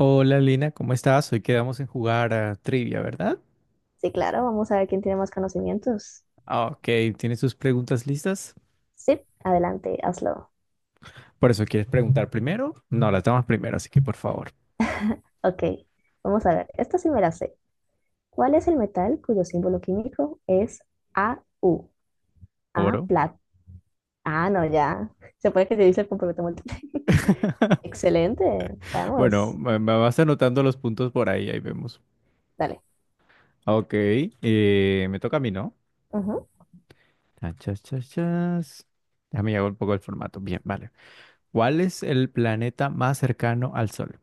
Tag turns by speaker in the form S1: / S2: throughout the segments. S1: Hola Lina, ¿cómo estás? Hoy quedamos en jugar a trivia, ¿verdad?
S2: Sí, claro, vamos a ver quién tiene más conocimientos.
S1: Ah, Ok, ¿tienes tus preguntas listas?
S2: Sí, adelante, hazlo.
S1: Por eso quieres preguntar primero. No, las damos primero, así que por favor,
S2: Ok, vamos a ver. Esta sí me la sé. ¿Cuál es el metal cuyo símbolo químico es AU? A,
S1: oro.
S2: plata. Ah, no, ya. Se puede que te dice el complemento múltiple. Excelente,
S1: Bueno,
S2: vamos.
S1: me vas anotando los puntos por ahí, ahí vemos.
S2: Dale.
S1: Ok, me toca a mí, ¿no?
S2: Ujú.
S1: Chan, chas, chas, chas. Déjame llevar un poco el formato. Bien, vale. ¿Cuál es el planeta más cercano al Sol?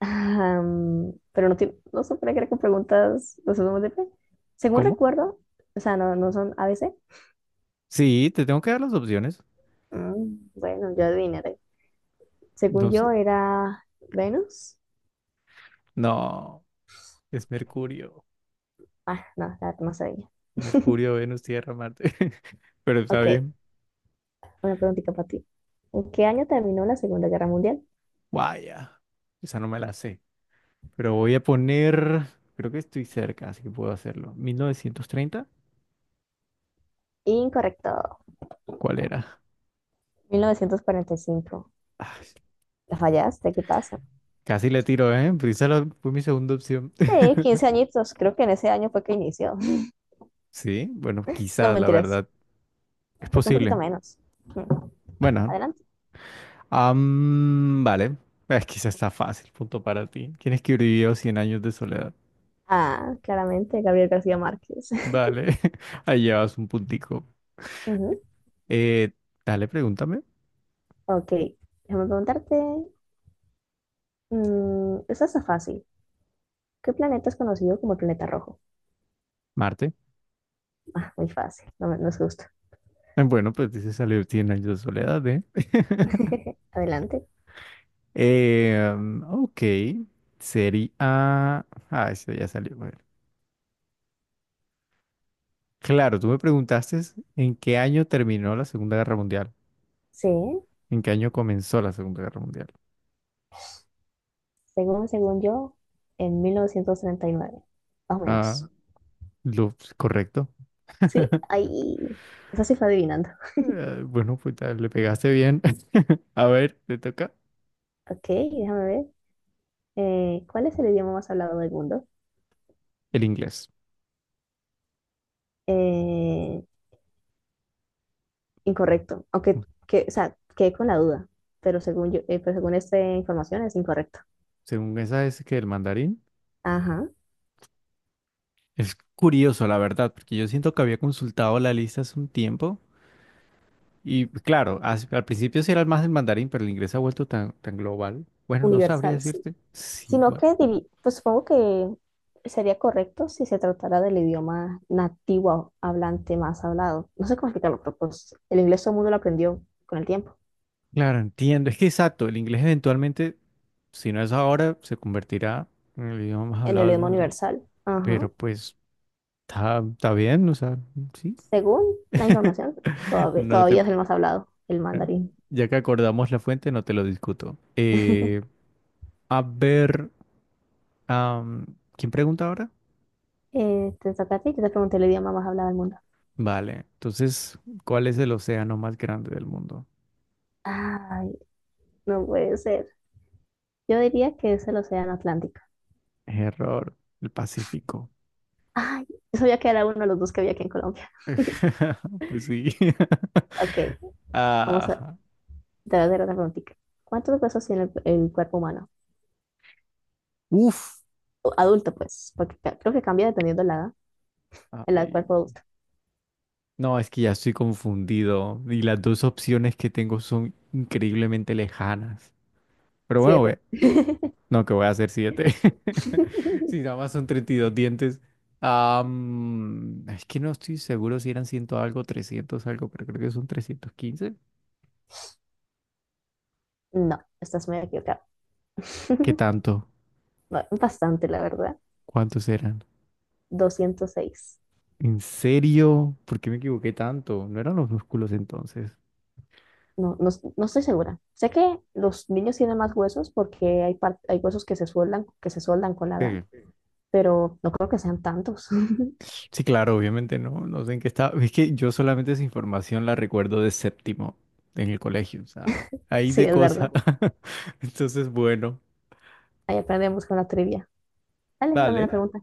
S2: Pero no, no se puede creer con preguntas de opción múltiple. Según
S1: ¿Cómo?
S2: recuerdo, o sea, no, no son A ABC.
S1: Sí, te tengo que dar las opciones.
S2: Bueno, yo adivinaré. Según
S1: No
S2: yo,
S1: sé.
S2: era Venus.
S1: No, es Mercurio.
S2: Ah, no, la más sabía.
S1: Mercurio, Venus, Tierra, Marte. Pero está
S2: Ok,
S1: bien.
S2: una preguntita para ti. ¿En qué año terminó la Segunda Guerra Mundial?
S1: Vaya, esa no me la sé. Pero voy a poner, creo que estoy cerca, así que puedo hacerlo. ¿1930?
S2: Incorrecto.
S1: ¿Cuál era?
S2: 1945.
S1: Ay,
S2: ¿La fallaste? ¿Qué pasa?
S1: casi le tiro, ¿eh? Pero esa fue mi segunda opción.
S2: Sí, 15 añitos. Creo que en ese año fue que inició.
S1: Sí, bueno,
S2: No,
S1: quizás, la
S2: mentiras.
S1: verdad. Es
S2: Creo que un poquito
S1: posible.
S2: menos. Mm,
S1: Bueno,
S2: Adelante.
S1: vale. Es quizás está fácil, punto para ti. ¿Quién escribió 100 años de soledad?
S2: Ah, claramente, Gabriel García Márquez.
S1: Vale, ahí llevas un puntico.
S2: Ujú.
S1: Eh, dale, pregúntame.
S2: Ok, déjame preguntarte. Esta está fácil. ¿Qué planeta es conocido como el planeta rojo?
S1: Marte.
S2: Ah, muy fácil. No, no es justo.
S1: Bueno, pues dice salió 100 años de soledad, ¿eh?
S2: Adelante.
S1: Ok, sería. Ah, eso ya salió. Bueno. Claro, tú me preguntaste en qué año terminó la Segunda Guerra Mundial,
S2: Sí.
S1: en qué año comenzó la Segunda Guerra Mundial.
S2: Según yo, en 1939, más o
S1: Ah,
S2: menos.
S1: lo correcto.
S2: Sí, ahí. Eso sí fue adivinando.
S1: Bueno, pues le pegaste bien. A ver, te toca
S2: Ok, déjame ver. ¿Cuál es el idioma más hablado del mundo?
S1: el inglés.
S2: Eh, incorrecto. Aunque,
S1: Bueno,
S2: que, o sea, quedé con la duda. Pero según yo, pero según esta información es incorrecto.
S1: según esa es que el mandarín.
S2: Ajá.
S1: Es curioso, la verdad, porque yo siento que había consultado la lista hace un tiempo. Y claro, al principio sí era más el mandarín, pero el inglés se ha vuelto tan, tan global. Bueno, no sabría
S2: Universal, sí.
S1: decirte. Sí,
S2: Sino
S1: bueno.
S2: que, pues supongo que sería correcto si se tratara del idioma nativo hablante más hablado. No sé cómo explicarlo, pero pues el inglés todo el mundo lo aprendió con el tiempo.
S1: Claro, entiendo. Es que exacto, el inglés eventualmente, si no es ahora, se convertirá en el idioma más
S2: En
S1: hablado
S2: el
S1: del
S2: idioma
S1: mundo.
S2: universal. Ajá.
S1: Pero pues está bien, o sea, sí.
S2: Según la información, todavía,
S1: No te.
S2: todavía es el más hablado, el mandarín.
S1: Ya que acordamos la fuente, no te lo discuto. A ver, am, ¿quién pregunta ahora?
S2: Te toca a ti, yo te pregunté el idioma más hablado del mundo.
S1: Vale, entonces, ¿cuál es el océano más grande del mundo?
S2: Ay, no puede ser. Yo diría que es el Océano Atlántico.
S1: Error, el Pacífico.
S2: Ay, yo sabía que era uno de los dos que había aquí en Colombia.
S1: Pues sí.
S2: Ok, vamos a, Ah,
S1: Ah,
S2: te voy a hacer otra preguntita. ¿Cuántos huesos tiene el cuerpo humano?
S1: uf.
S2: O adulto, pues, porque creo que cambia dependiendo de la edad. El edad del cuerpo
S1: Ay,
S2: adulto.
S1: no, es que ya estoy confundido y las dos opciones que tengo son increíblemente lejanas. Pero bueno,
S2: Siete.
S1: ve, no, que voy a hacer siete. Si nada más son 32 dientes. Es que no estoy seguro si eran 100 algo, 300 algo, pero creo que son 315.
S2: No, estás muy equivocado.
S1: ¿Qué tanto?
S2: Bastante, la verdad.
S1: ¿Cuántos eran?
S2: 206.
S1: ¿En serio? ¿Por qué me equivoqué tanto? No eran los músculos entonces.
S2: No, no, no estoy segura. Sé que los niños tienen más huesos porque hay, hay huesos que se sueldan con la edad,
S1: Sí,
S2: pero no creo que sean tantos.
S1: sí, claro, obviamente no, no sé en qué estaba. Es que yo solamente esa información la recuerdo de séptimo en el colegio, o sea, ahí
S2: Sí,
S1: de
S2: es verdad.
S1: cosa.
S2: Rico.
S1: Entonces, bueno,
S2: Ahí aprendemos con la trivia. Dale, dame una
S1: vale.
S2: pregunta.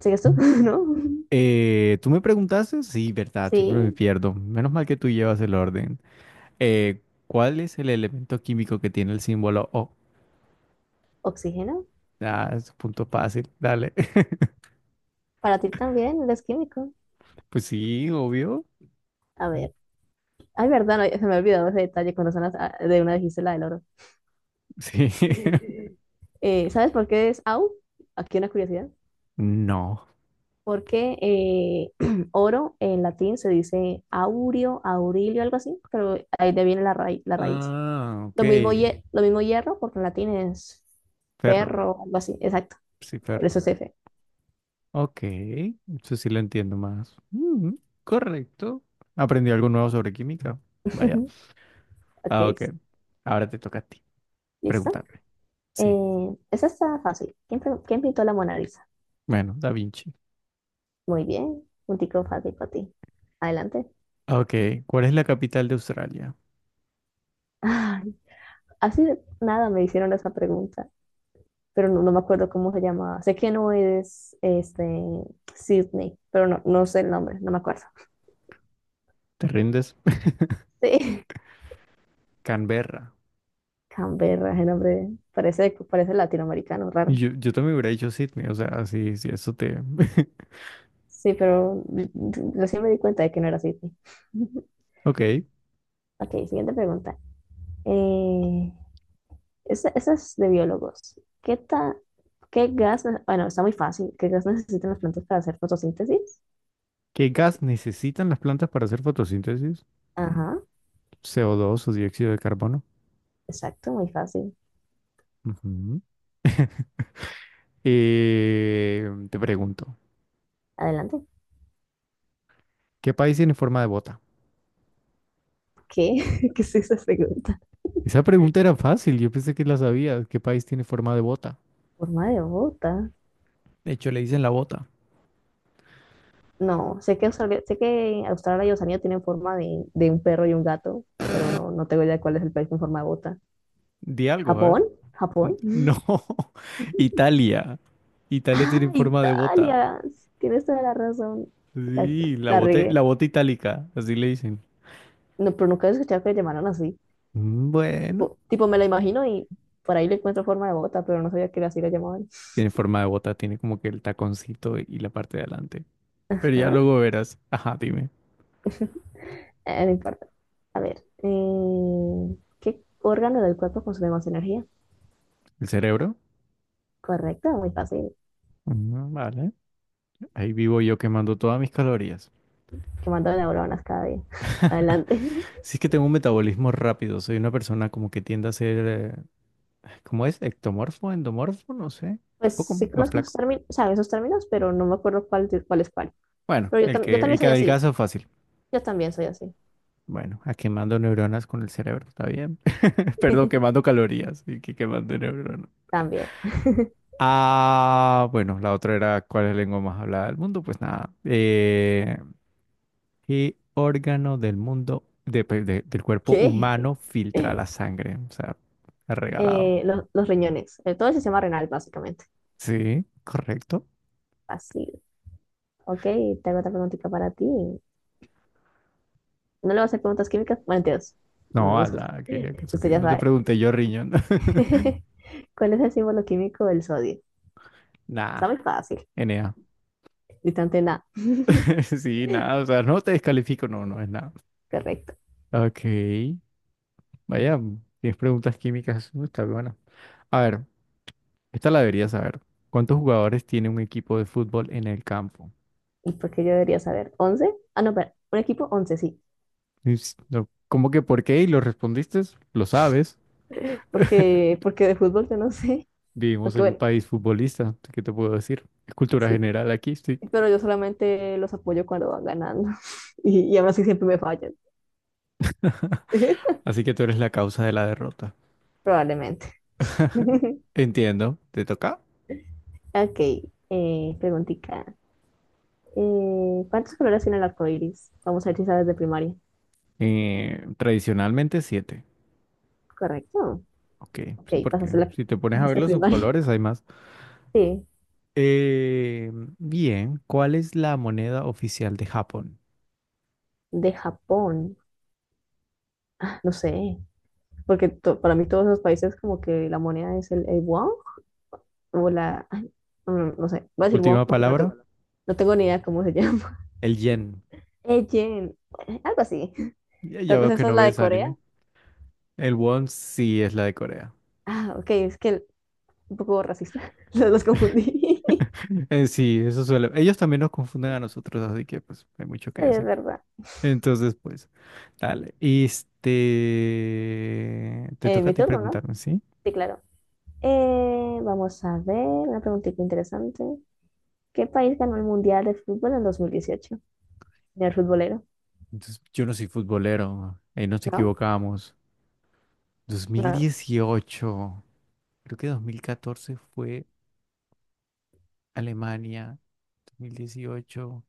S2: ¿Sigues tú? ¿No?
S1: ¿Tú me preguntaste? Sí, verdad, siempre me
S2: Sí,
S1: pierdo. Menos mal que tú llevas el orden. Eh, ¿Cuál es el elemento químico que tiene el símbolo O?
S2: oxígeno.
S1: Ah, es un punto fácil, dale.
S2: Para ti también eres químico.
S1: Pues sí, obvio.
S2: A ver. Ay, verdad, no, se me ha olvidado ese detalle cuando son de una dijiste la del oro.
S1: Sí.
S2: ¿Sabes por qué es AU? Aquí una curiosidad.
S1: No.
S2: Porque oro en latín se dice aurio, aurilio, algo así, pero ahí de viene la, la raíz.
S1: Ah, ok.
S2: Lo mismo, lo mismo hierro, porque en latín es
S1: Ferro.
S2: perro, algo así, exacto,
S1: Sí,
S2: por
S1: ferro.
S2: eso es F.
S1: Ok, eso sí lo entiendo más. Mm, correcto. Aprendí algo nuevo sobre química. Vaya. Ah,
S2: Ok,
S1: ok. Ahora te toca a ti
S2: listo.
S1: preguntarme. Sí.
S2: Esa está fácil. ¿Quién pintó la Mona Lisa?
S1: Bueno, Da Vinci.
S2: Muy bien, un tico fácil para ti. Adelante.
S1: Ok, ¿cuál es la capital de Australia?
S2: Ay, así de nada me hicieron esa pregunta. Pero no, no me acuerdo cómo se llamaba. Sé que no es este, Sydney, pero no, no sé el nombre, no me acuerdo.
S1: ¿Te rindes?
S2: Sí,
S1: Canberra.
S2: Canberra, el nombre parece latinoamericano, raro.
S1: Yo también hubiera dicho Sydney, o sea, sí, sí, eso te.
S2: Sí, pero recién me di cuenta de que no era Sydney.
S1: Ok,
S2: Ok, siguiente pregunta. Eh, esa es de biólogos. ¿Qué, ta- qué gas? Bueno, está muy fácil. ¿Qué gas necesitan las plantas para hacer fotosíntesis?
S1: ¿qué gas necesitan las plantas para hacer fotosíntesis?
S2: Ajá,
S1: CO2 o dos o dióxido de carbono.
S2: exacto, muy fácil.
S1: Ujú. Te pregunto,
S2: Adelante.
S1: ¿qué país tiene forma de bota?
S2: ¿Qué? ¿Qué es esa pregunta?
S1: Esa pregunta era fácil, yo pensé que la sabía. ¿Qué país tiene forma de bota?
S2: Forma de bota.
S1: De hecho, le dicen la bota.
S2: No, sé que Australia y Oceanía tienen forma de un perro y un gato, pero no, no tengo idea de cuál es el país con forma de bota.
S1: Di algo, a ver.
S2: ¿Japón? ¿Japón?
S1: No, Italia. Italia
S2: ¡Ah,
S1: tiene forma de bota.
S2: Italia! Sí, tienes toda la razón. La,
S1: Sí,
S2: la
S1: la
S2: regué.
S1: bota itálica, así le dicen.
S2: No, pero nunca he escuchado que le llamaran así.
S1: Mm, bueno,
S2: Tipo, me la imagino y por ahí le encuentro forma de bota, pero no sabía que así la llamaban.
S1: tiene forma de bota, tiene como que el taconcito y la parte de adelante. Pero ya
S2: ah
S1: luego verás. Ajá, dime.
S2: no importa. A ver, ¿qué órgano del cuerpo consume más energía?
S1: ¿El cerebro?
S2: Correcto, muy fácil.
S1: Mm, vale, ahí vivo yo quemando todas mis calorías.
S2: Que mandan neuronas cada día. Adelante.
S1: Si es que tengo un metabolismo rápido, soy una persona como que tiende a ser. ¿Cómo es? ¿Ectomorfo? ¿Endomorfo? No sé. Un
S2: Pues
S1: poco
S2: sí
S1: más
S2: conozco esos
S1: flaco.
S2: términos, o sea, esos términos, pero no me acuerdo cuál es cuál.
S1: Bueno,
S2: Pero yo,
S1: el
S2: tam- yo
S1: que,
S2: también
S1: el que
S2: soy así.
S1: adelgaza fácil.
S2: Yo también soy así.
S1: Bueno, a quemando neuronas con el cerebro, está bien. Perdón, quemando calorías y que quemando neuronas.
S2: También.
S1: Ah, bueno, la otra era ¿cuál es la lengua más hablada del mundo? Pues nada. ¿Qué órgano del mundo, del cuerpo
S2: ¿Qué?
S1: humano filtra la sangre? O sea, regalado.
S2: Los riñones. Todo el sistema renal, básicamente.
S1: Sí, correcto.
S2: Fácil. Ok, tengo otra preguntita para ti. ¿No le vas a hacer preguntas químicas? Bueno, entonces no
S1: No, a
S2: nos gusta.
S1: la que eso
S2: Usted
S1: que
S2: ya
S1: no te
S2: sabe.
S1: pregunté yo, riñón.
S2: ¿Cuál es el símbolo químico del sodio?
S1: Nah,
S2: Está muy fácil.
S1: Enea.
S2: Distante nada.
S1: Sí, nada, o sea, no te descalifico, no, no es nada.
S2: Correcto.
S1: Ok, vaya, tienes preguntas químicas, está buena. A ver, esta la deberías saber. ¿Cuántos jugadores tiene un equipo de fútbol en el campo?
S2: ¿Y por qué yo debería saber? 11. No, pero un equipo 11 sí.
S1: No, ¿cómo que por qué? ¿Y lo respondiste? Lo sabes.
S2: Porque de fútbol yo no sé,
S1: Vivimos
S2: aunque
S1: en un
S2: bueno,
S1: país futbolista, ¿qué te puedo decir? Es cultura
S2: sí,
S1: general aquí, sí.
S2: pero yo solamente los apoyo cuando van ganando y, aún así siempre me fallan,
S1: Así que tú eres la causa de la derrota.
S2: probablemente.
S1: Entiendo, ¿te toca?
S2: Ok, preguntica. ¿Cuántos colores tiene el arco iris? Vamos a ver si sabes de primaria.
S1: Tradicionalmente siete.
S2: Correcto.
S1: Ok,
S2: Ok,
S1: sí, porque
S2: pasaste, la,
S1: si te pones a ver
S2: pasaste
S1: los
S2: primaria.
S1: subcolores hay más.
S2: Sí,
S1: Eh, bien, ¿cuál es la moneda oficial de Japón?
S2: de Japón. Ah, no sé, porque para mí todos los países como que la moneda es el won o ay, no, no sé, voy a decir WoW
S1: Última
S2: porque no tengo,
S1: palabra,
S2: no tengo ni idea cómo se llama.
S1: el yen.
S2: Ejen, algo así.
S1: Ya, ya
S2: Tal vez
S1: veo que
S2: esa es
S1: no
S2: la de
S1: ves
S2: Corea.
S1: anime. El won sí es la de Corea.
S2: Ah, ok, es que un poco racista, los confundí.
S1: Sí, eso suele. Ellos también nos confunden a nosotros, así que pues hay mucho que
S2: Es
S1: decir.
S2: verdad.
S1: Entonces, pues, dale. Este, te
S2: Eh,
S1: toca
S2: mi
S1: a ti
S2: turno, ¿no?
S1: preguntarme, ¿sí?
S2: Sí, claro. Vamos a ver, una preguntita interesante. ¿Qué país ganó el Mundial de Fútbol en 2018 el futbolero,
S1: Entonces, yo no soy futbolero, ahí nos
S2: ¿no?
S1: equivocamos. Dos mil
S2: No.
S1: dieciocho. Creo que 2014 fue Alemania, 2018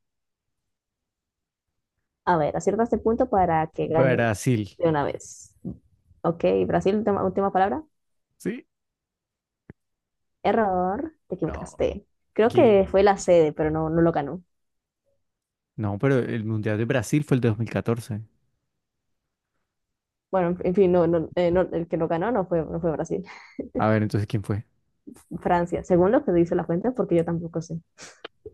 S2: A ver, acierta este punto para que ganes
S1: Brasil.
S2: de una vez. Ok, Brasil, última, última palabra.
S1: ¿Sí?
S2: Error, te
S1: No,
S2: equivocaste. Creo
S1: ¿qué?
S2: que fue la sede, pero no, no lo ganó.
S1: No, pero el Mundial de Brasil fue el de 2014.
S2: Bueno, en fin, no, no, el que lo ganó no fue Brasil,
S1: A ver, entonces, ¿quién fue?
S2: Francia, según lo que dice la fuente, porque yo tampoco sé.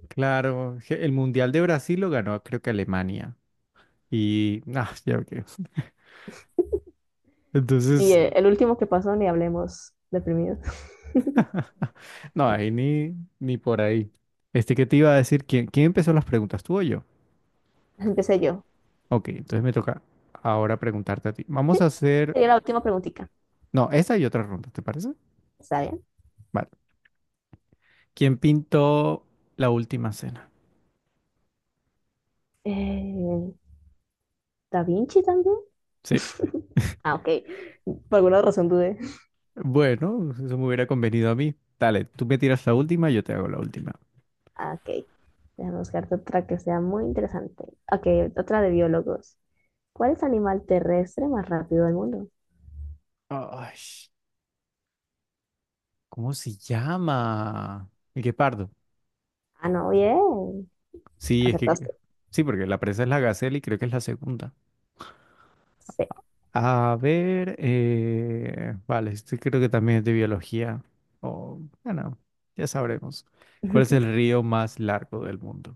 S1: Claro, el Mundial de Brasil lo ganó, creo que Alemania. Y, ah, ya ok.
S2: Y
S1: Entonces,
S2: el último que pasó, ni hablemos deprimido.
S1: no, ahí ni por ahí. Este que te iba a decir, ¿quién empezó las preguntas? ¿Tú o yo?
S2: Empecé yo.
S1: Ok, entonces me toca ahora preguntarte a ti.
S2: Sí,
S1: Vamos a hacer,
S2: sería la última preguntita.
S1: no, esta y otra ronda, ¿te parece?
S2: ¿Está bien?
S1: Vale. ¿Quién pintó la Última Cena?
S2: Eh, ¿Da Vinci también?
S1: Sí.
S2: Ah, ok. Por alguna razón dudé.
S1: Bueno, eso me hubiera convenido a mí. Dale, tú me tiras la última, yo te hago la última.
S2: Ah, ok. Déjame buscarte otra que sea muy interesante. Ok, otra de biólogos. ¿Cuál es el animal terrestre más rápido del mundo?
S1: Ay, ¿cómo se llama? El guepardo.
S2: Ah, no, bien.
S1: Sí, es que.
S2: Acertaste.
S1: Sí, porque la presa es la gacela y creo que es la segunda.
S2: Sí.
S1: A ver, vale, este creo que también es de biología. O, bueno, ya sabremos. ¿Cuál es el río más largo del mundo?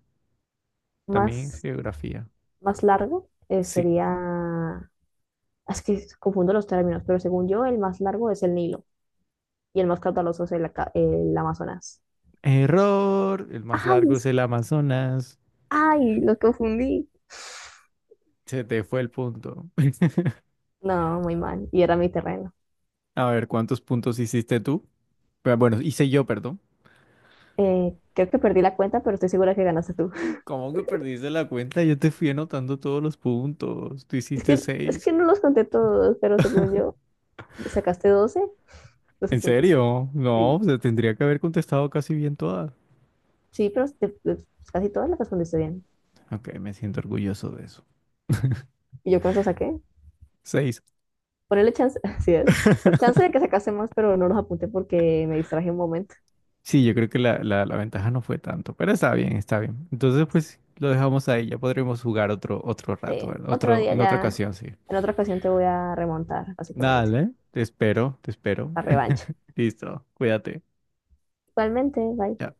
S1: También es
S2: Más,
S1: geografía.
S2: más largo
S1: Sí.
S2: sería. Es que confundo los términos, pero según yo, el más largo es el Nilo y el más caudaloso es el Amazonas.
S1: Error. El más
S2: ¡Ay!
S1: largo es el Amazonas.
S2: ¡Ay! Lo confundí.
S1: Se te fue el punto.
S2: No, muy mal. Y era mi terreno.
S1: A ver, ¿cuántos puntos hiciste tú? Pero bueno, hice yo, perdón.
S2: Creo que perdí la cuenta, pero estoy segura que ganaste tú.
S1: ¿Cómo que perdiste la cuenta? Yo te fui anotando todos los puntos. Tú
S2: Es
S1: hiciste
S2: que, es
S1: seis.
S2: que no los conté todos, pero según yo, sacaste doce
S1: ¿En
S2: puntos.
S1: serio? No,
S2: Sí.
S1: se tendría que haber contestado casi bien todas.
S2: Sí, pero casi todas las respondiste bien.
S1: Ok, me siento orgulloso de eso.
S2: ¿Y yo cuánto saqué?
S1: Seis.
S2: Ponerle chance, así es, por chance de que sacase más, pero no los apunté porque me distraje un momento.
S1: Sí, yo creo que la ventaja no fue tanto, pero está bien, está bien. Entonces, pues lo dejamos ahí. Ya podremos jugar otro rato,
S2: Sí,
S1: ¿verdad?
S2: otro
S1: Otro,
S2: día
S1: en otra
S2: ya,
S1: ocasión, sí.
S2: en otra ocasión te voy a remontar, básicamente,
S1: Dale, te espero, te espero.
S2: la revancha.
S1: Listo, cuídate.
S2: Igualmente, bye.
S1: Chao.